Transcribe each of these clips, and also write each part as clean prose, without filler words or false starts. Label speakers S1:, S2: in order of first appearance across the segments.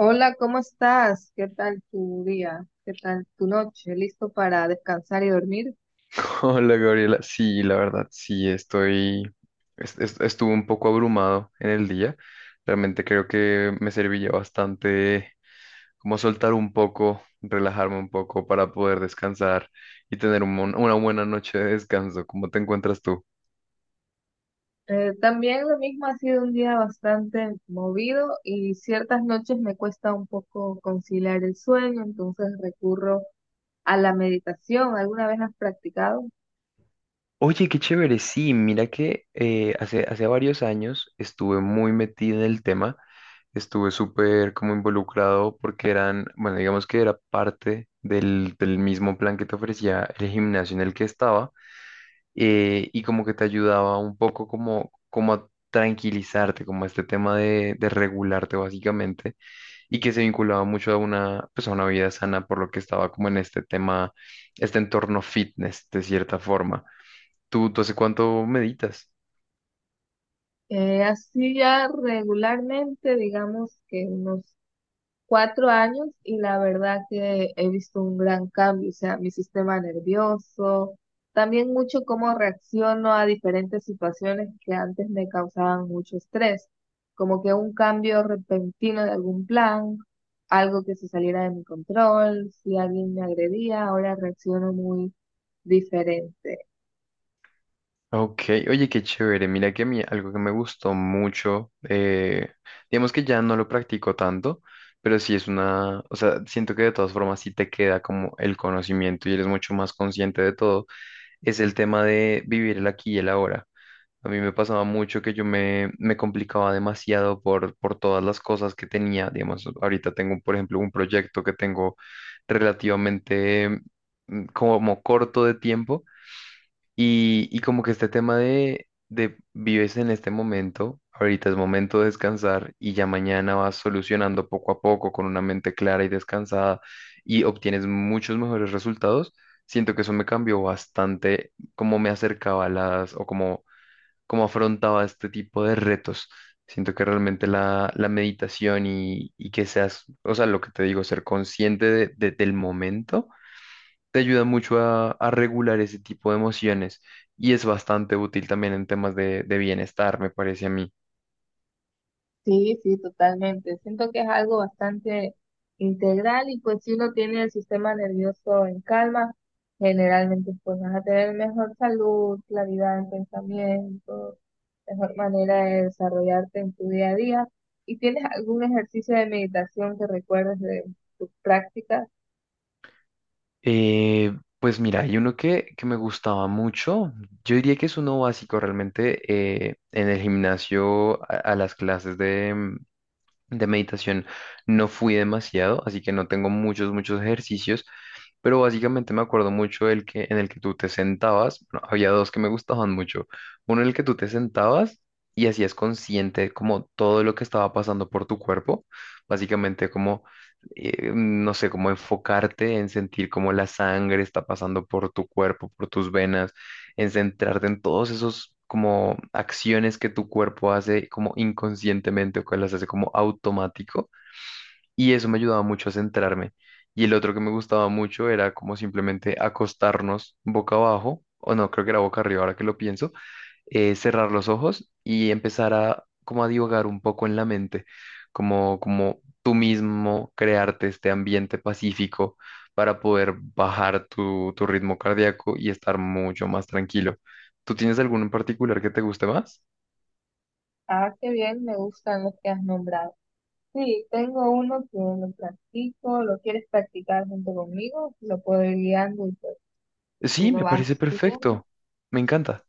S1: Hola, ¿cómo estás? ¿Qué tal tu día? ¿Qué tal tu noche? ¿Listo para descansar y dormir?
S2: Hola Gabriela, sí, la verdad, sí, estoy, estuve un poco abrumado en el día. Realmente creo que me servía bastante como soltar un poco, relajarme un poco para poder descansar y tener una buena noche de descanso. ¿Cómo te encuentras tú?
S1: También lo mismo, ha sido un día bastante movido y ciertas noches me cuesta un poco conciliar el sueño, entonces recurro a la meditación. ¿Alguna vez has practicado?
S2: Oye, qué chévere, sí, mira que hace varios años estuve muy metido en el tema, estuve súper como involucrado porque eran, bueno, digamos que era parte del mismo plan que te ofrecía el gimnasio en el que estaba, y como que te ayudaba un poco como a tranquilizarte, como a este tema de regularte básicamente y que se vinculaba mucho a una, pues a una vida sana por lo que estaba como en este tema, este entorno fitness de cierta forma. ¿Tú hace cuánto meditas?
S1: Así ya regularmente, digamos que unos 4 años, y la verdad que he visto un gran cambio. O sea, mi sistema nervioso, también mucho cómo reacciono a diferentes situaciones que antes me causaban mucho estrés, como que un cambio repentino de algún plan, algo que se saliera de mi control, si alguien me agredía, ahora reacciono muy diferente.
S2: Ok, oye, qué chévere. Mira que a mí algo que me gustó mucho, digamos que ya no lo practico tanto, pero sí es una, o sea, siento que de todas formas sí te queda como el conocimiento y eres mucho más consciente de todo, es el tema de vivir el aquí y el ahora. A mí me pasaba mucho que yo me complicaba demasiado por todas las cosas que tenía. Digamos, ahorita tengo, por ejemplo, un proyecto que tengo relativamente como corto de tiempo. Y como que este tema de vives en este momento, ahorita es momento de descansar y ya mañana vas solucionando poco a poco con una mente clara y descansada y obtienes muchos mejores resultados. Siento que eso me cambió bastante cómo me acercaba a las o cómo, cómo afrontaba este tipo de retos. Siento que realmente la meditación y que seas, o sea, lo que te digo, ser consciente del momento te ayuda mucho a regular ese tipo de emociones y es bastante útil también en temas de bienestar, me parece a mí.
S1: Sí, sí, totalmente. Siento que es algo bastante integral, y pues si uno tiene el sistema nervioso en calma, generalmente pues vas a tener mejor salud, claridad en pensamiento, mejor manera de desarrollarte en tu día a día. ¿Y tienes algún ejercicio de meditación que recuerdes de tus prácticas?
S2: Eh, pues mira, hay uno que me gustaba mucho, yo diría que es uno básico realmente, en el gimnasio, a las clases de meditación no fui demasiado, así que no tengo muchos, muchos ejercicios, pero básicamente me acuerdo mucho del que, en el que tú te sentabas, bueno, había dos que me gustaban mucho, uno en el que tú te sentabas y hacías consciente como todo lo que estaba pasando por tu cuerpo, básicamente como, no sé, como enfocarte en sentir cómo la sangre está pasando por tu cuerpo, por tus venas, en centrarte en todos esos como acciones que tu cuerpo hace como inconscientemente o que las hace como automático, y eso me ayudaba mucho a centrarme. Y el otro que me gustaba mucho era como simplemente acostarnos boca abajo, o no, creo que era boca arriba ahora que lo pienso, cerrar los ojos y empezar a como a divagar un poco en la mente, como, como tú mismo crearte este ambiente pacífico para poder bajar tu, tu ritmo cardíaco y estar mucho más tranquilo. ¿Tú tienes alguno en particular que te guste más?
S1: Ah, qué bien, me gustan los que has nombrado. Sí, tengo uno que lo practico, lo quieres practicar junto conmigo, lo puedo ir guiando y pues tú
S2: Sí,
S1: lo
S2: me
S1: vas
S2: parece
S1: siguiendo.
S2: perfecto. Me encanta.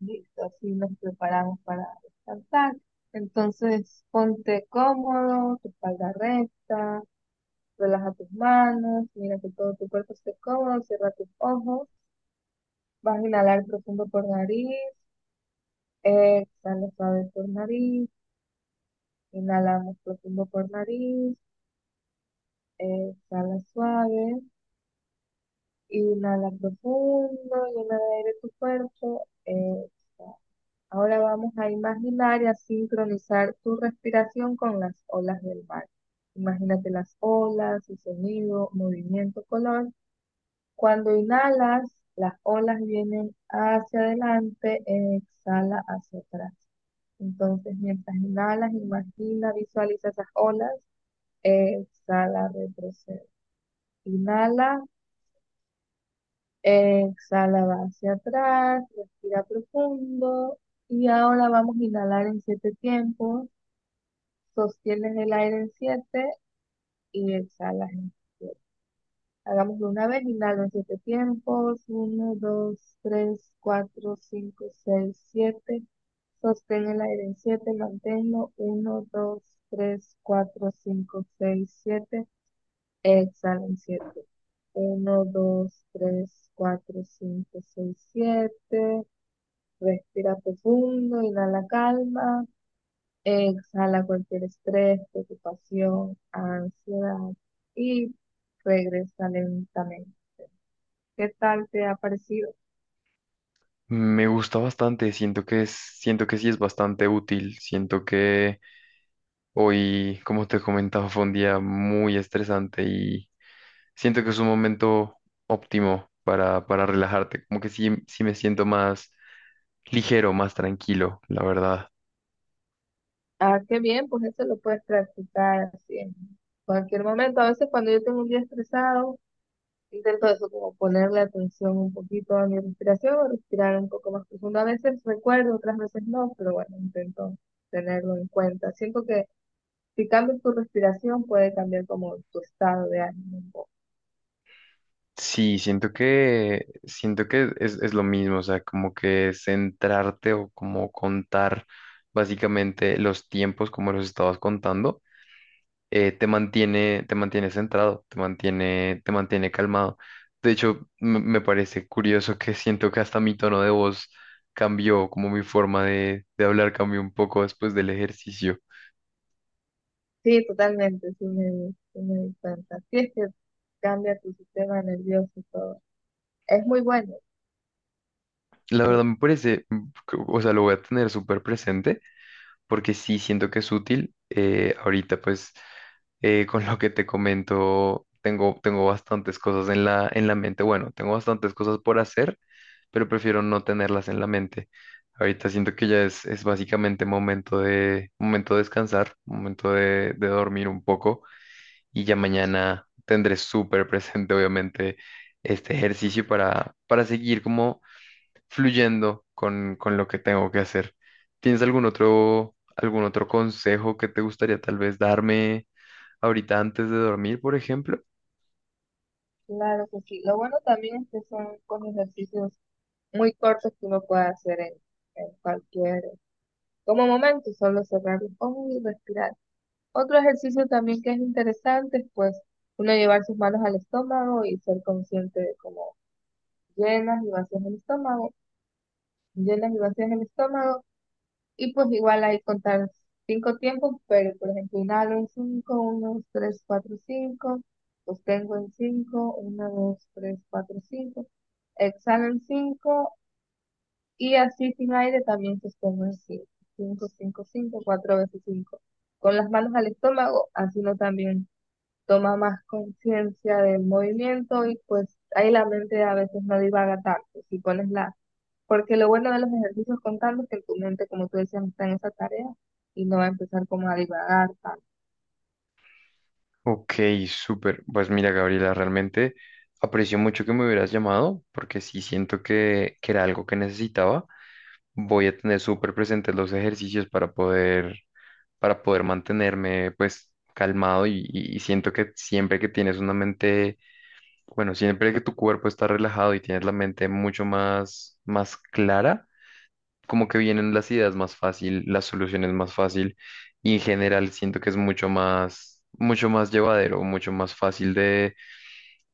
S1: Listo, así nos preparamos para descansar. Entonces, ponte cómodo, tu espalda recta, relaja tus manos, mira que todo tu cuerpo esté cómodo, cierra tus ojos, vas a inhalar profundo por nariz, exhala suave por nariz, inhalamos profundo por nariz, exhala suave, inhala profundo, llena de aire tu cuerpo, exhala. Ahora vamos a imaginar y a sincronizar tu respiración con las olas del mar. Imagínate las olas, su sonido, movimiento, color. Cuando inhalas, las olas vienen hacia adelante, exhala hacia atrás. Entonces, mientras inhalas, imagina, visualiza esas olas, exhala, retrocede. Inhala, exhala, va hacia atrás, respira profundo. Y ahora vamos a inhalar en 7 tiempos. Sostienes el aire en 7 y exhalas en siete. Hagámoslo una vez, inhalo en 7 tiempos: uno, dos, tres, cuatro, cinco, seis, siete. Sostén el aire en siete, manténlo: uno, dos, tres, cuatro, cinco, seis, siete. Exhala en siete: uno, dos, tres, cuatro, cinco, seis, siete. Respira profundo, inhala calma. Exhala cualquier estrés, preocupación, ansiedad, y regresa lentamente. ¿Qué tal te ha parecido?
S2: Me gusta bastante, siento que es, siento que sí es bastante útil, siento que hoy, como te comentaba, fue un día muy estresante. Siento que es un momento óptimo para relajarte, como que sí, sí me siento más ligero, más tranquilo, la verdad.
S1: Ah, qué bien, pues eso lo puedes practicar así en cualquier momento. A veces cuando yo tengo un día estresado, intento eso, como ponerle atención un poquito a mi respiración o respirar un poco más profundo. A veces recuerdo, otras veces no, pero bueno, intento tenerlo en cuenta. Siento que si cambias tu respiración puede cambiar como tu estado de ánimo.
S2: Sí, siento que es lo mismo, o sea, como que centrarte o como contar básicamente los tiempos como los estabas contando, te mantiene centrado, te mantiene calmado. De hecho, me parece curioso que siento que hasta mi tono de voz cambió, como mi forma de hablar cambió un poco después del ejercicio.
S1: Sí, totalmente, sí me di cuenta. Sí, es que cambia tu sistema nervioso y todo. Es muy bueno,
S2: La
S1: sí,
S2: verdad me parece, mm, que- o sea, lo voy a tener súper presente porque sí siento que es útil. Ahorita, pues, con lo que te comento, tengo bastantes cosas en en la mente. Bueno, tengo bastantes cosas por hacer, pero prefiero no tenerlas en la mente. Ahorita siento que ya es básicamente momento de descansar, momento de dormir un poco y ya mañana tendré súper presente, obviamente, este ejercicio para seguir como fluyendo con lo que tengo que hacer. ¿Tienes algún otro consejo que te gustaría tal vez darme ahorita antes de dormir, por ejemplo?
S1: claro que sí. Lo bueno también es que son con ejercicios muy cortos que uno puede hacer en cualquier, como momento, solo cerrar los ojos y respirar. Otro ejercicio también que es interesante es pues uno llevar sus manos al estómago y ser consciente de cómo llenas y vacías el estómago, llenas y vacías el estómago. Y pues igual hay que contar 5 tiempos, pero por ejemplo, inhalo en cinco, uno, dos, tres, cuatro, cinco, sostengo en cinco, uno, dos, tres, cuatro, cinco, exhalo en cinco, y así sin aire también sostengo en cinco, cinco, cinco, cinco, cuatro veces cinco. Con las manos al estómago, así uno también toma más conciencia del movimiento y pues ahí la mente a veces no divaga tanto. Si pones la, porque lo bueno de los ejercicios contando es que tu mente, como tú decías, está en esa tarea y no va a empezar como a divagar tanto.
S2: Ok, súper. Pues mira, Gabriela, realmente aprecio mucho que me hubieras llamado porque sí siento que era algo que necesitaba. Voy a tener súper presentes los ejercicios para poder mantenerme pues calmado y, y siento que siempre que tienes una mente, bueno, siempre que tu cuerpo está relajado y tienes la mente mucho más, más clara, como que vienen las ideas más fácil, las soluciones más fácil, y en general siento que es mucho más llevadero, mucho más fácil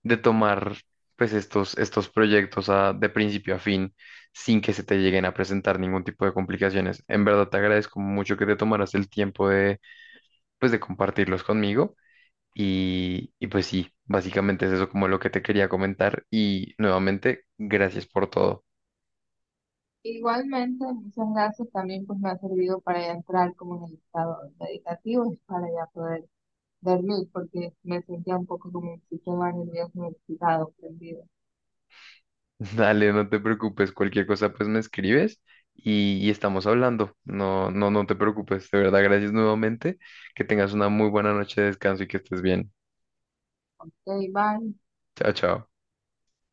S2: de tomar pues estos, estos proyectos de principio a fin sin que se te lleguen a presentar ningún tipo de complicaciones. En verdad te agradezco mucho que te tomaras el tiempo de pues de compartirlos conmigo. Y pues sí, básicamente es eso como lo que te quería comentar y nuevamente gracias por todo.
S1: Igualmente, muchas gracias, también pues me ha servido para ya entrar como en el estado meditativo y para ya poder dormir porque me sentía un poco como un sistema nervioso excitado, prendido.
S2: Dale, no te preocupes, cualquier cosa pues me escribes y estamos hablando. No, no, no te preocupes, de verdad, gracias nuevamente, que tengas una muy buena noche de descanso y que estés bien.
S1: Ok, bye.
S2: Chao, chao.